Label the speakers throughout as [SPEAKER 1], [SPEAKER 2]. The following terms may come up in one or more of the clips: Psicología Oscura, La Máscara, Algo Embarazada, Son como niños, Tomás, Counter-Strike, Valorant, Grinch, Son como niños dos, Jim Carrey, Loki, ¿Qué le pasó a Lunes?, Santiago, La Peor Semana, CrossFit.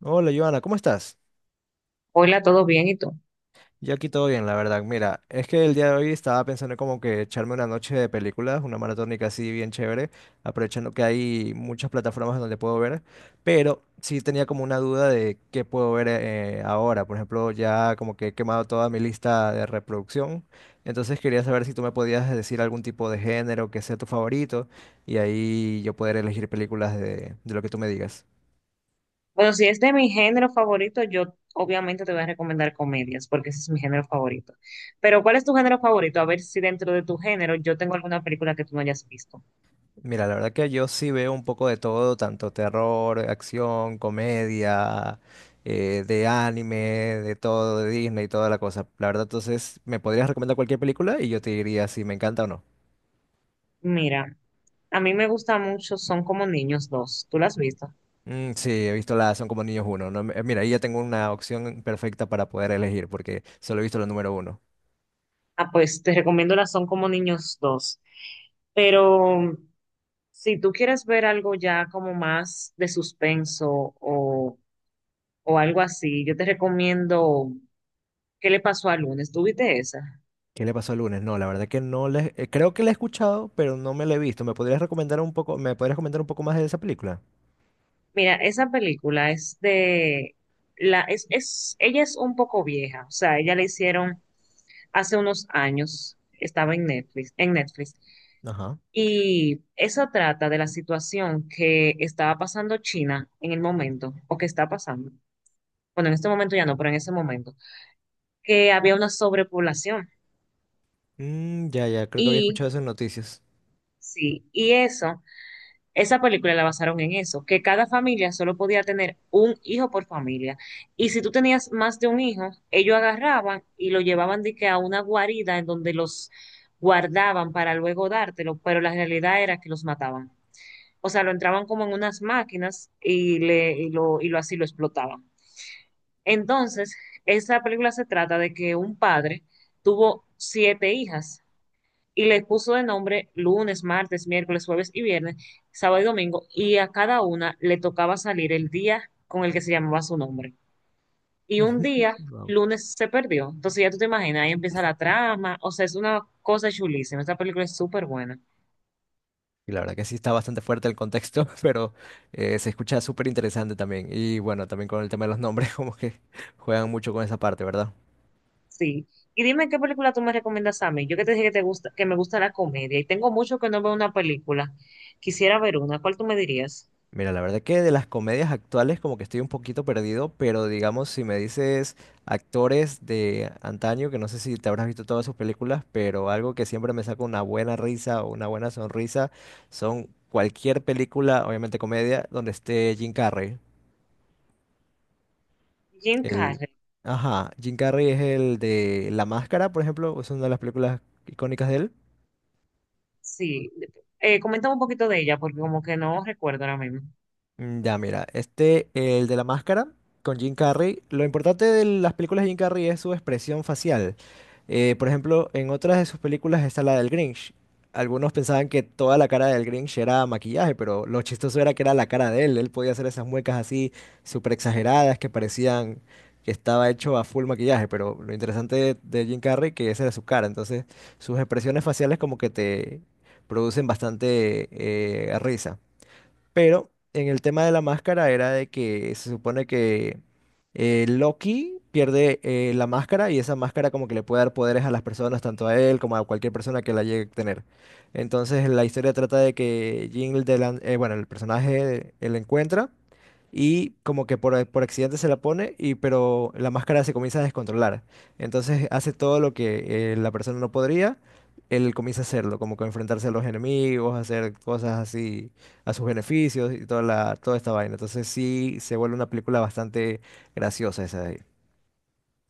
[SPEAKER 1] Hola, Joana, ¿cómo estás?
[SPEAKER 2] Hola, ¿todo bien? ¿Y tú?
[SPEAKER 1] Yo aquí todo bien, la verdad. Mira, es que el día de hoy estaba pensando como que echarme una noche de películas, una maratónica así bien chévere, aprovechando que hay muchas plataformas donde puedo ver, pero sí tenía como una duda de qué puedo ver ahora. Por ejemplo, ya como que he quemado toda mi lista de reproducción, entonces quería saber si tú me podías decir algún tipo de género que sea tu favorito y ahí yo poder elegir películas de lo que tú me digas.
[SPEAKER 2] Bueno, si es de mi género favorito, yo obviamente te voy a recomendar comedias, porque ese es mi género favorito. Pero, ¿cuál es tu género favorito? A ver si dentro de tu género yo tengo alguna película que tú no hayas visto.
[SPEAKER 1] Mira, la verdad que yo sí veo un poco de todo, tanto terror, acción, comedia, de anime, de todo, de Disney y toda la cosa. La verdad, entonces, ¿me podrías recomendar cualquier película y yo te diría si me encanta o no?
[SPEAKER 2] Mira, a mí me gusta mucho Son como niños dos. ¿Tú la has visto?
[SPEAKER 1] Mm, sí, he visto la Son como niños uno. No me- Mira, ahí ya tengo una opción perfecta para poder elegir porque solo he visto la número uno.
[SPEAKER 2] Ah, pues te recomiendo la Son como niños dos. Pero si tú quieres ver algo ya como más de suspenso o, o algo así, yo te recomiendo ¿Qué le pasó a Lunes? ¿Tú viste esa?
[SPEAKER 1] ¿Qué le pasó el lunes? No, la verdad que no le, creo que la he escuchado, pero no me la he visto. ¿Me podrías recomendar un poco, me podrías comentar un poco más de esa película?
[SPEAKER 2] Mira, esa película es de la es ella es un poco vieja, o sea, ella la hicieron hace unos años, estaba en Netflix, en Netflix.
[SPEAKER 1] Ajá.
[SPEAKER 2] Y eso trata de la situación que estaba pasando China en el momento o que está pasando. Bueno, en este momento ya no, pero en ese momento que había una sobrepoblación.
[SPEAKER 1] Mm, ya, ya, creo que había
[SPEAKER 2] Y
[SPEAKER 1] escuchado esas noticias.
[SPEAKER 2] sí, y eso, esa película la basaron en eso, que cada familia solo podía tener un hijo por familia. Y si tú tenías más de un hijo, ellos agarraban y lo llevaban de que a una guarida en donde los guardaban para luego dártelo, pero la realidad era que los mataban. O sea, lo entraban como en unas máquinas y lo así lo explotaban. Entonces, esa película se trata de que un padre tuvo siete hijas y les puso de nombre lunes, martes, miércoles, jueves y viernes, sábado y domingo, y a cada una le tocaba salir el día con el que se llamaba su nombre. Y un día,
[SPEAKER 1] Wow.
[SPEAKER 2] lunes, se perdió. Entonces ya tú te imaginas, ahí empieza la trama, o sea, es una cosa chulísima, esta película es súper buena.
[SPEAKER 1] Y la verdad que sí está bastante fuerte el contexto, pero se escucha súper interesante también. Y bueno, también con el tema de los nombres, como que juegan mucho con esa parte, ¿verdad?
[SPEAKER 2] Sí. Y dime qué película tú me recomiendas a mí. Yo que te dije que te gusta, que me gusta la comedia y tengo mucho que no veo una película. Quisiera ver una. ¿Cuál tú me dirías?
[SPEAKER 1] Mira, la verdad que de las comedias actuales como que estoy un poquito perdido, pero digamos si me dices actores de antaño, que no sé si te habrás visto todas sus películas, pero algo que siempre me saca una buena risa o una buena sonrisa son cualquier película, obviamente comedia, donde esté Jim Carrey.
[SPEAKER 2] Jim
[SPEAKER 1] El,
[SPEAKER 2] Carrey.
[SPEAKER 1] ajá, Jim Carrey es el de La Máscara, por ejemplo, es una de las películas icónicas de él.
[SPEAKER 2] Sí. Coméntame un poquito de ella porque como que no recuerdo ahora mismo.
[SPEAKER 1] Mm, ya, mira, este, el de la máscara con Jim Carrey, lo importante de las películas de Jim Carrey es su expresión facial. Por ejemplo, en otras de sus películas está la del Grinch. Algunos pensaban que toda la cara del Grinch era maquillaje, pero lo chistoso era que era la cara de él. Él podía hacer esas muecas así súper exageradas que parecían que estaba hecho a full maquillaje, pero lo interesante de Jim Carrey que esa era su cara. Entonces, sus expresiones faciales como que te producen bastante risa. Pero en el tema de la máscara era de que se supone que Loki pierde la máscara y esa máscara como que le puede dar poderes a las personas, tanto a él como a cualquier persona que la llegue a tener. Entonces la historia trata de que bueno, el personaje, él encuentra y como que por accidente se la pone y pero la máscara se comienza a descontrolar. Entonces hace todo lo que la persona no podría, él comienza a hacerlo, como que enfrentarse a los enemigos, hacer cosas así a sus beneficios y toda toda esta vaina. Entonces sí se vuelve una película bastante graciosa esa de ahí.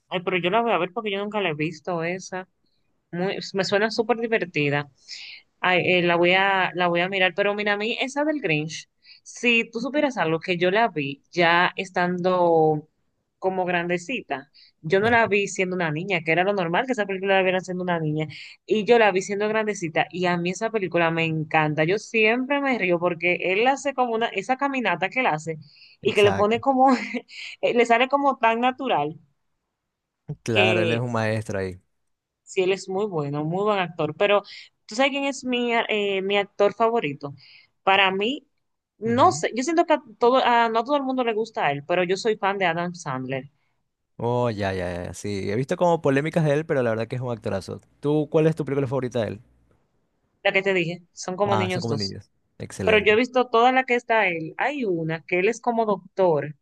[SPEAKER 2] Ay, pero yo la voy a ver porque yo nunca la he visto esa. Muy, me suena súper divertida. Ay, la voy a mirar, pero mira, a mí esa del Grinch, si tú supieras algo que yo la vi ya estando como grandecita, yo no la
[SPEAKER 1] Ajá,
[SPEAKER 2] vi siendo una niña, que era lo normal que esa película la vieran siendo una niña, y yo la vi siendo grandecita, y a mí esa película me encanta, yo siempre me río porque él hace como una, esa caminata que él hace, y que le pone
[SPEAKER 1] exacto.
[SPEAKER 2] como, le sale como tan natural.
[SPEAKER 1] Claro, él es
[SPEAKER 2] Que
[SPEAKER 1] un maestro ahí.
[SPEAKER 2] Sí, él es muy bueno, muy buen actor, pero ¿tú sabes quién es mi actor favorito? Para mí, no
[SPEAKER 1] Ujú.
[SPEAKER 2] sé, yo siento que a todo, a, no a todo el mundo le gusta a él, pero yo soy fan de Adam Sandler,
[SPEAKER 1] Oh, ya, ya, ya. Sí, he visto como polémicas de él, pero la verdad que es un actorazo. ¿Tú cuál es tu película favorita de él?
[SPEAKER 2] la que te dije, son como
[SPEAKER 1] Ah, son
[SPEAKER 2] niños
[SPEAKER 1] como
[SPEAKER 2] dos.
[SPEAKER 1] niños.
[SPEAKER 2] Pero yo he
[SPEAKER 1] Excelente.
[SPEAKER 2] visto toda la que está él. Hay una que él es como doctor,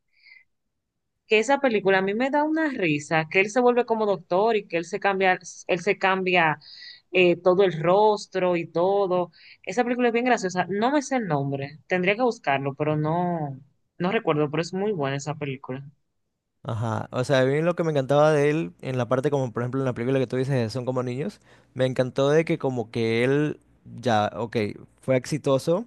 [SPEAKER 2] que esa película a mí me da una risa, que él se vuelve como doctor y que él se cambia, él se cambia todo el rostro y todo. Esa película es bien graciosa. No me sé el nombre, tendría que buscarlo, pero no recuerdo, pero es muy buena esa película.
[SPEAKER 1] Ajá. O sea, a mí lo que me encantaba de él, en la parte como, por ejemplo, en la película que tú dices, de son como niños, me encantó de que como que él, ya, ok, fue exitoso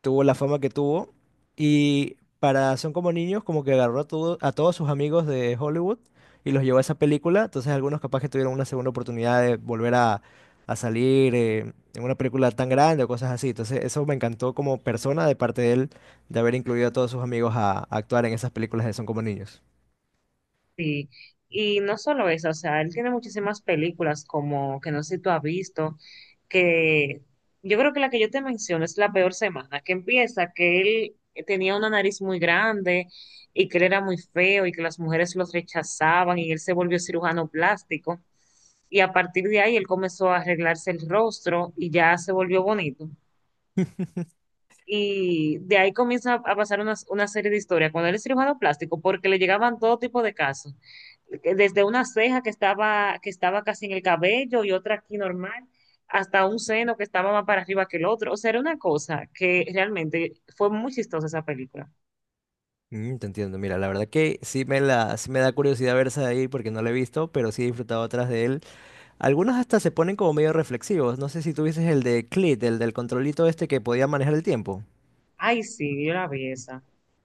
[SPEAKER 1] tuvo la fama que tuvo. Y para Son como niños, como que a todos sus amigos de Hollywood y los llevó a esa película. Entonces algunos capaz que tuvieron una segunda oportunidad de volver a salir en una película tan grande o cosas así. Entonces eso me encantó como persona de parte de él de haber incluido a todos sus amigos a actuar en esas películas de Son como niños.
[SPEAKER 2] Sí, y no solo eso, o sea, él tiene muchísimas películas como que no sé si tú has visto, que yo creo que la que yo te menciono es La Peor Semana, que empieza que él tenía una nariz muy grande y que él era muy feo y que las mujeres los rechazaban y él se volvió cirujano plástico y a partir de ahí él comenzó a arreglarse el rostro y ya se volvió bonito. Y de ahí comienza a pasar una serie de historias. Cuando él es cirujano plástico, porque le llegaban todo tipo de casos, que desde una ceja que estaba casi en el cabello y otra aquí normal, hasta un seno que estaba más para arriba que el otro. O sea, era una cosa que realmente fue muy chistosa esa película.
[SPEAKER 1] Mm, te entiendo, mira, la verdad que sí me da curiosidad ver esa de ahí porque no la he visto, pero sí he disfrutado otras de él. Algunos hasta se ponen como medio reflexivos. No sé si tuvieses el de Clit, el del controlito este que podía manejar el tiempo.
[SPEAKER 2] Ay, sí, yo la vi esa,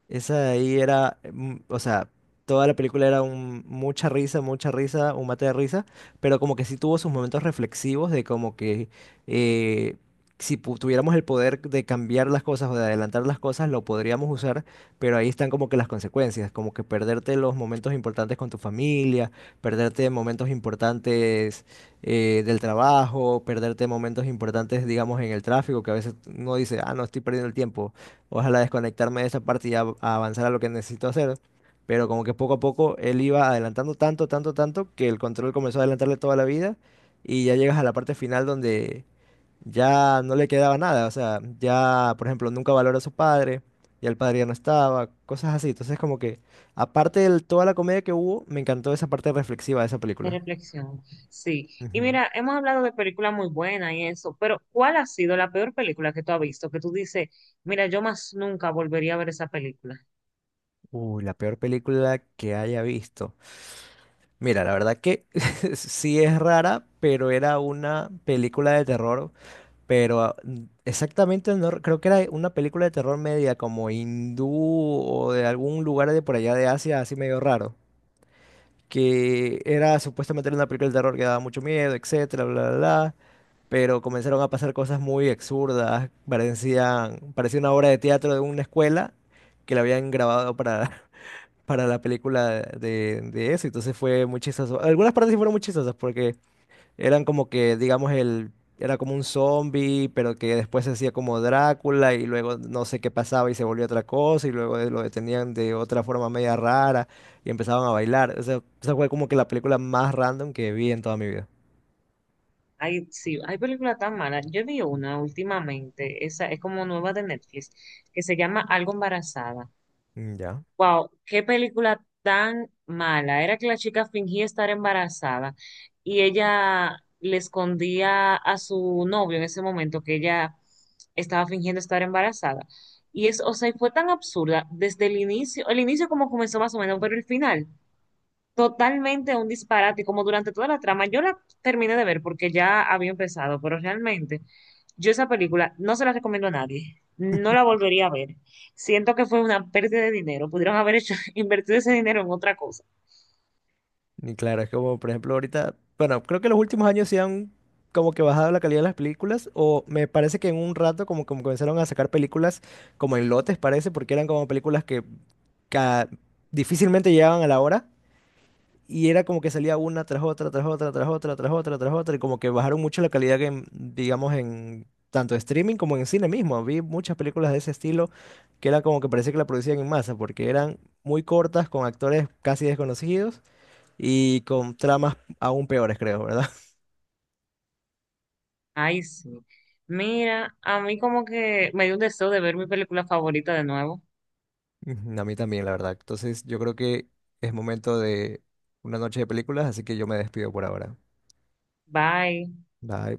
[SPEAKER 1] Esa de ahí era, mm, o sea, toda la película era un, mucha risa, un mate de risa, pero como que sí tuvo sus momentos reflexivos de como que eh, si tuviéramos el poder de cambiar las cosas o de adelantar las cosas, lo podríamos usar, pero ahí están como que las consecuencias, como que perderte los momentos importantes con tu familia, perderte momentos importantes del trabajo, perderte momentos importantes, digamos, en el tráfico, que a veces uno dice, ah, no, estoy perdiendo el tiempo. Ojalá desconectarme de esa parte y avanzar a lo que necesito hacer. Pero como que poco a poco él iba adelantando tanto, tanto, tanto que el control comenzó a adelantarle toda la vida y ya llegas a la parte final donde ya no le quedaba nada. O sea, ya, por ejemplo, nunca valora a su padre, ya el padre ya no estaba, cosas así. Entonces como que, aparte de toda la comedia que hubo, me encantó esa parte reflexiva de esa
[SPEAKER 2] de
[SPEAKER 1] película.
[SPEAKER 2] reflexión. Sí. Y
[SPEAKER 1] Ujú.
[SPEAKER 2] mira, hemos hablado de películas muy buenas y eso, pero ¿cuál ha sido la peor película que tú has visto? Que tú dices, mira, yo más nunca volvería a ver esa película.
[SPEAKER 1] La peor película que haya visto. Mira, la verdad que sí es rara, pero era una película de terror, pero ah, n- exactamente no, re- creo que era una película de terror media como hindú o de algún lugar de por allá de Asia, así medio raro, que era supuestamente una película de terror que daba mucho miedo, etcétera, bla, bla, bla, pero comenzaron a pasar cosas muy absurdas, parecía una obra de teatro de una escuela que la habían grabado para para la película de eso. Entonces fue muy chistoso. Algunas partes sí fueron muy chistosas porque eran como que, era como un zombie, pero que después se hacía como Drácula y luego no sé qué pasaba y se volvió otra cosa y luego lo detenían de otra forma media rara y empezaban a bailar. O sea, esa fue como que la película más random que vi en toda mi vida.
[SPEAKER 2] Ay, sí, hay películas tan malas. Yo vi una últimamente, esa es como nueva de Netflix, que se llama Algo Embarazada.
[SPEAKER 1] Mm, ya.
[SPEAKER 2] Wow, qué película tan mala. Era que la chica fingía estar embarazada y ella le escondía a su novio en ese momento que ella estaba fingiendo estar embarazada. Y es, o sea, y fue tan absurda desde el inicio como comenzó más o menos, pero el final totalmente un disparate, como durante toda la trama. Yo la terminé de ver porque ya había empezado, pero realmente yo esa película no se la recomiendo a nadie. No la volvería a ver. Siento que fue una pérdida de dinero. Pudieron haber hecho, invertido ese dinero en otra cosa.
[SPEAKER 1] Y claro, es como, por ejemplo, ahorita, bueno, creo que los últimos años sí han como que bajado la calidad de las películas, o me parece que en un rato como comenzaron a sacar películas como en lotes, parece, porque eran como películas que ca- difícilmente llegaban a la hora, y era como que salía una tras otra, tras otra, tras otra, tras otra, tras otra, y como que bajaron mucho la calidad que, digamos, en tanto streaming como en cine mismo. Vi muchas películas de ese estilo que era como que parecía que la producían en masa, porque eran muy cortas, con actores casi desconocidos y con tramas aún peores, creo, ¿verdad?
[SPEAKER 2] Ay, sí. Mira, a mí como que me dio un deseo de ver mi película favorita de nuevo.
[SPEAKER 1] Ujú, a mí también, la verdad. Entonces, yo creo que es momento de una noche de películas, así que yo me despido por ahora.
[SPEAKER 2] Bye.
[SPEAKER 1] Bye.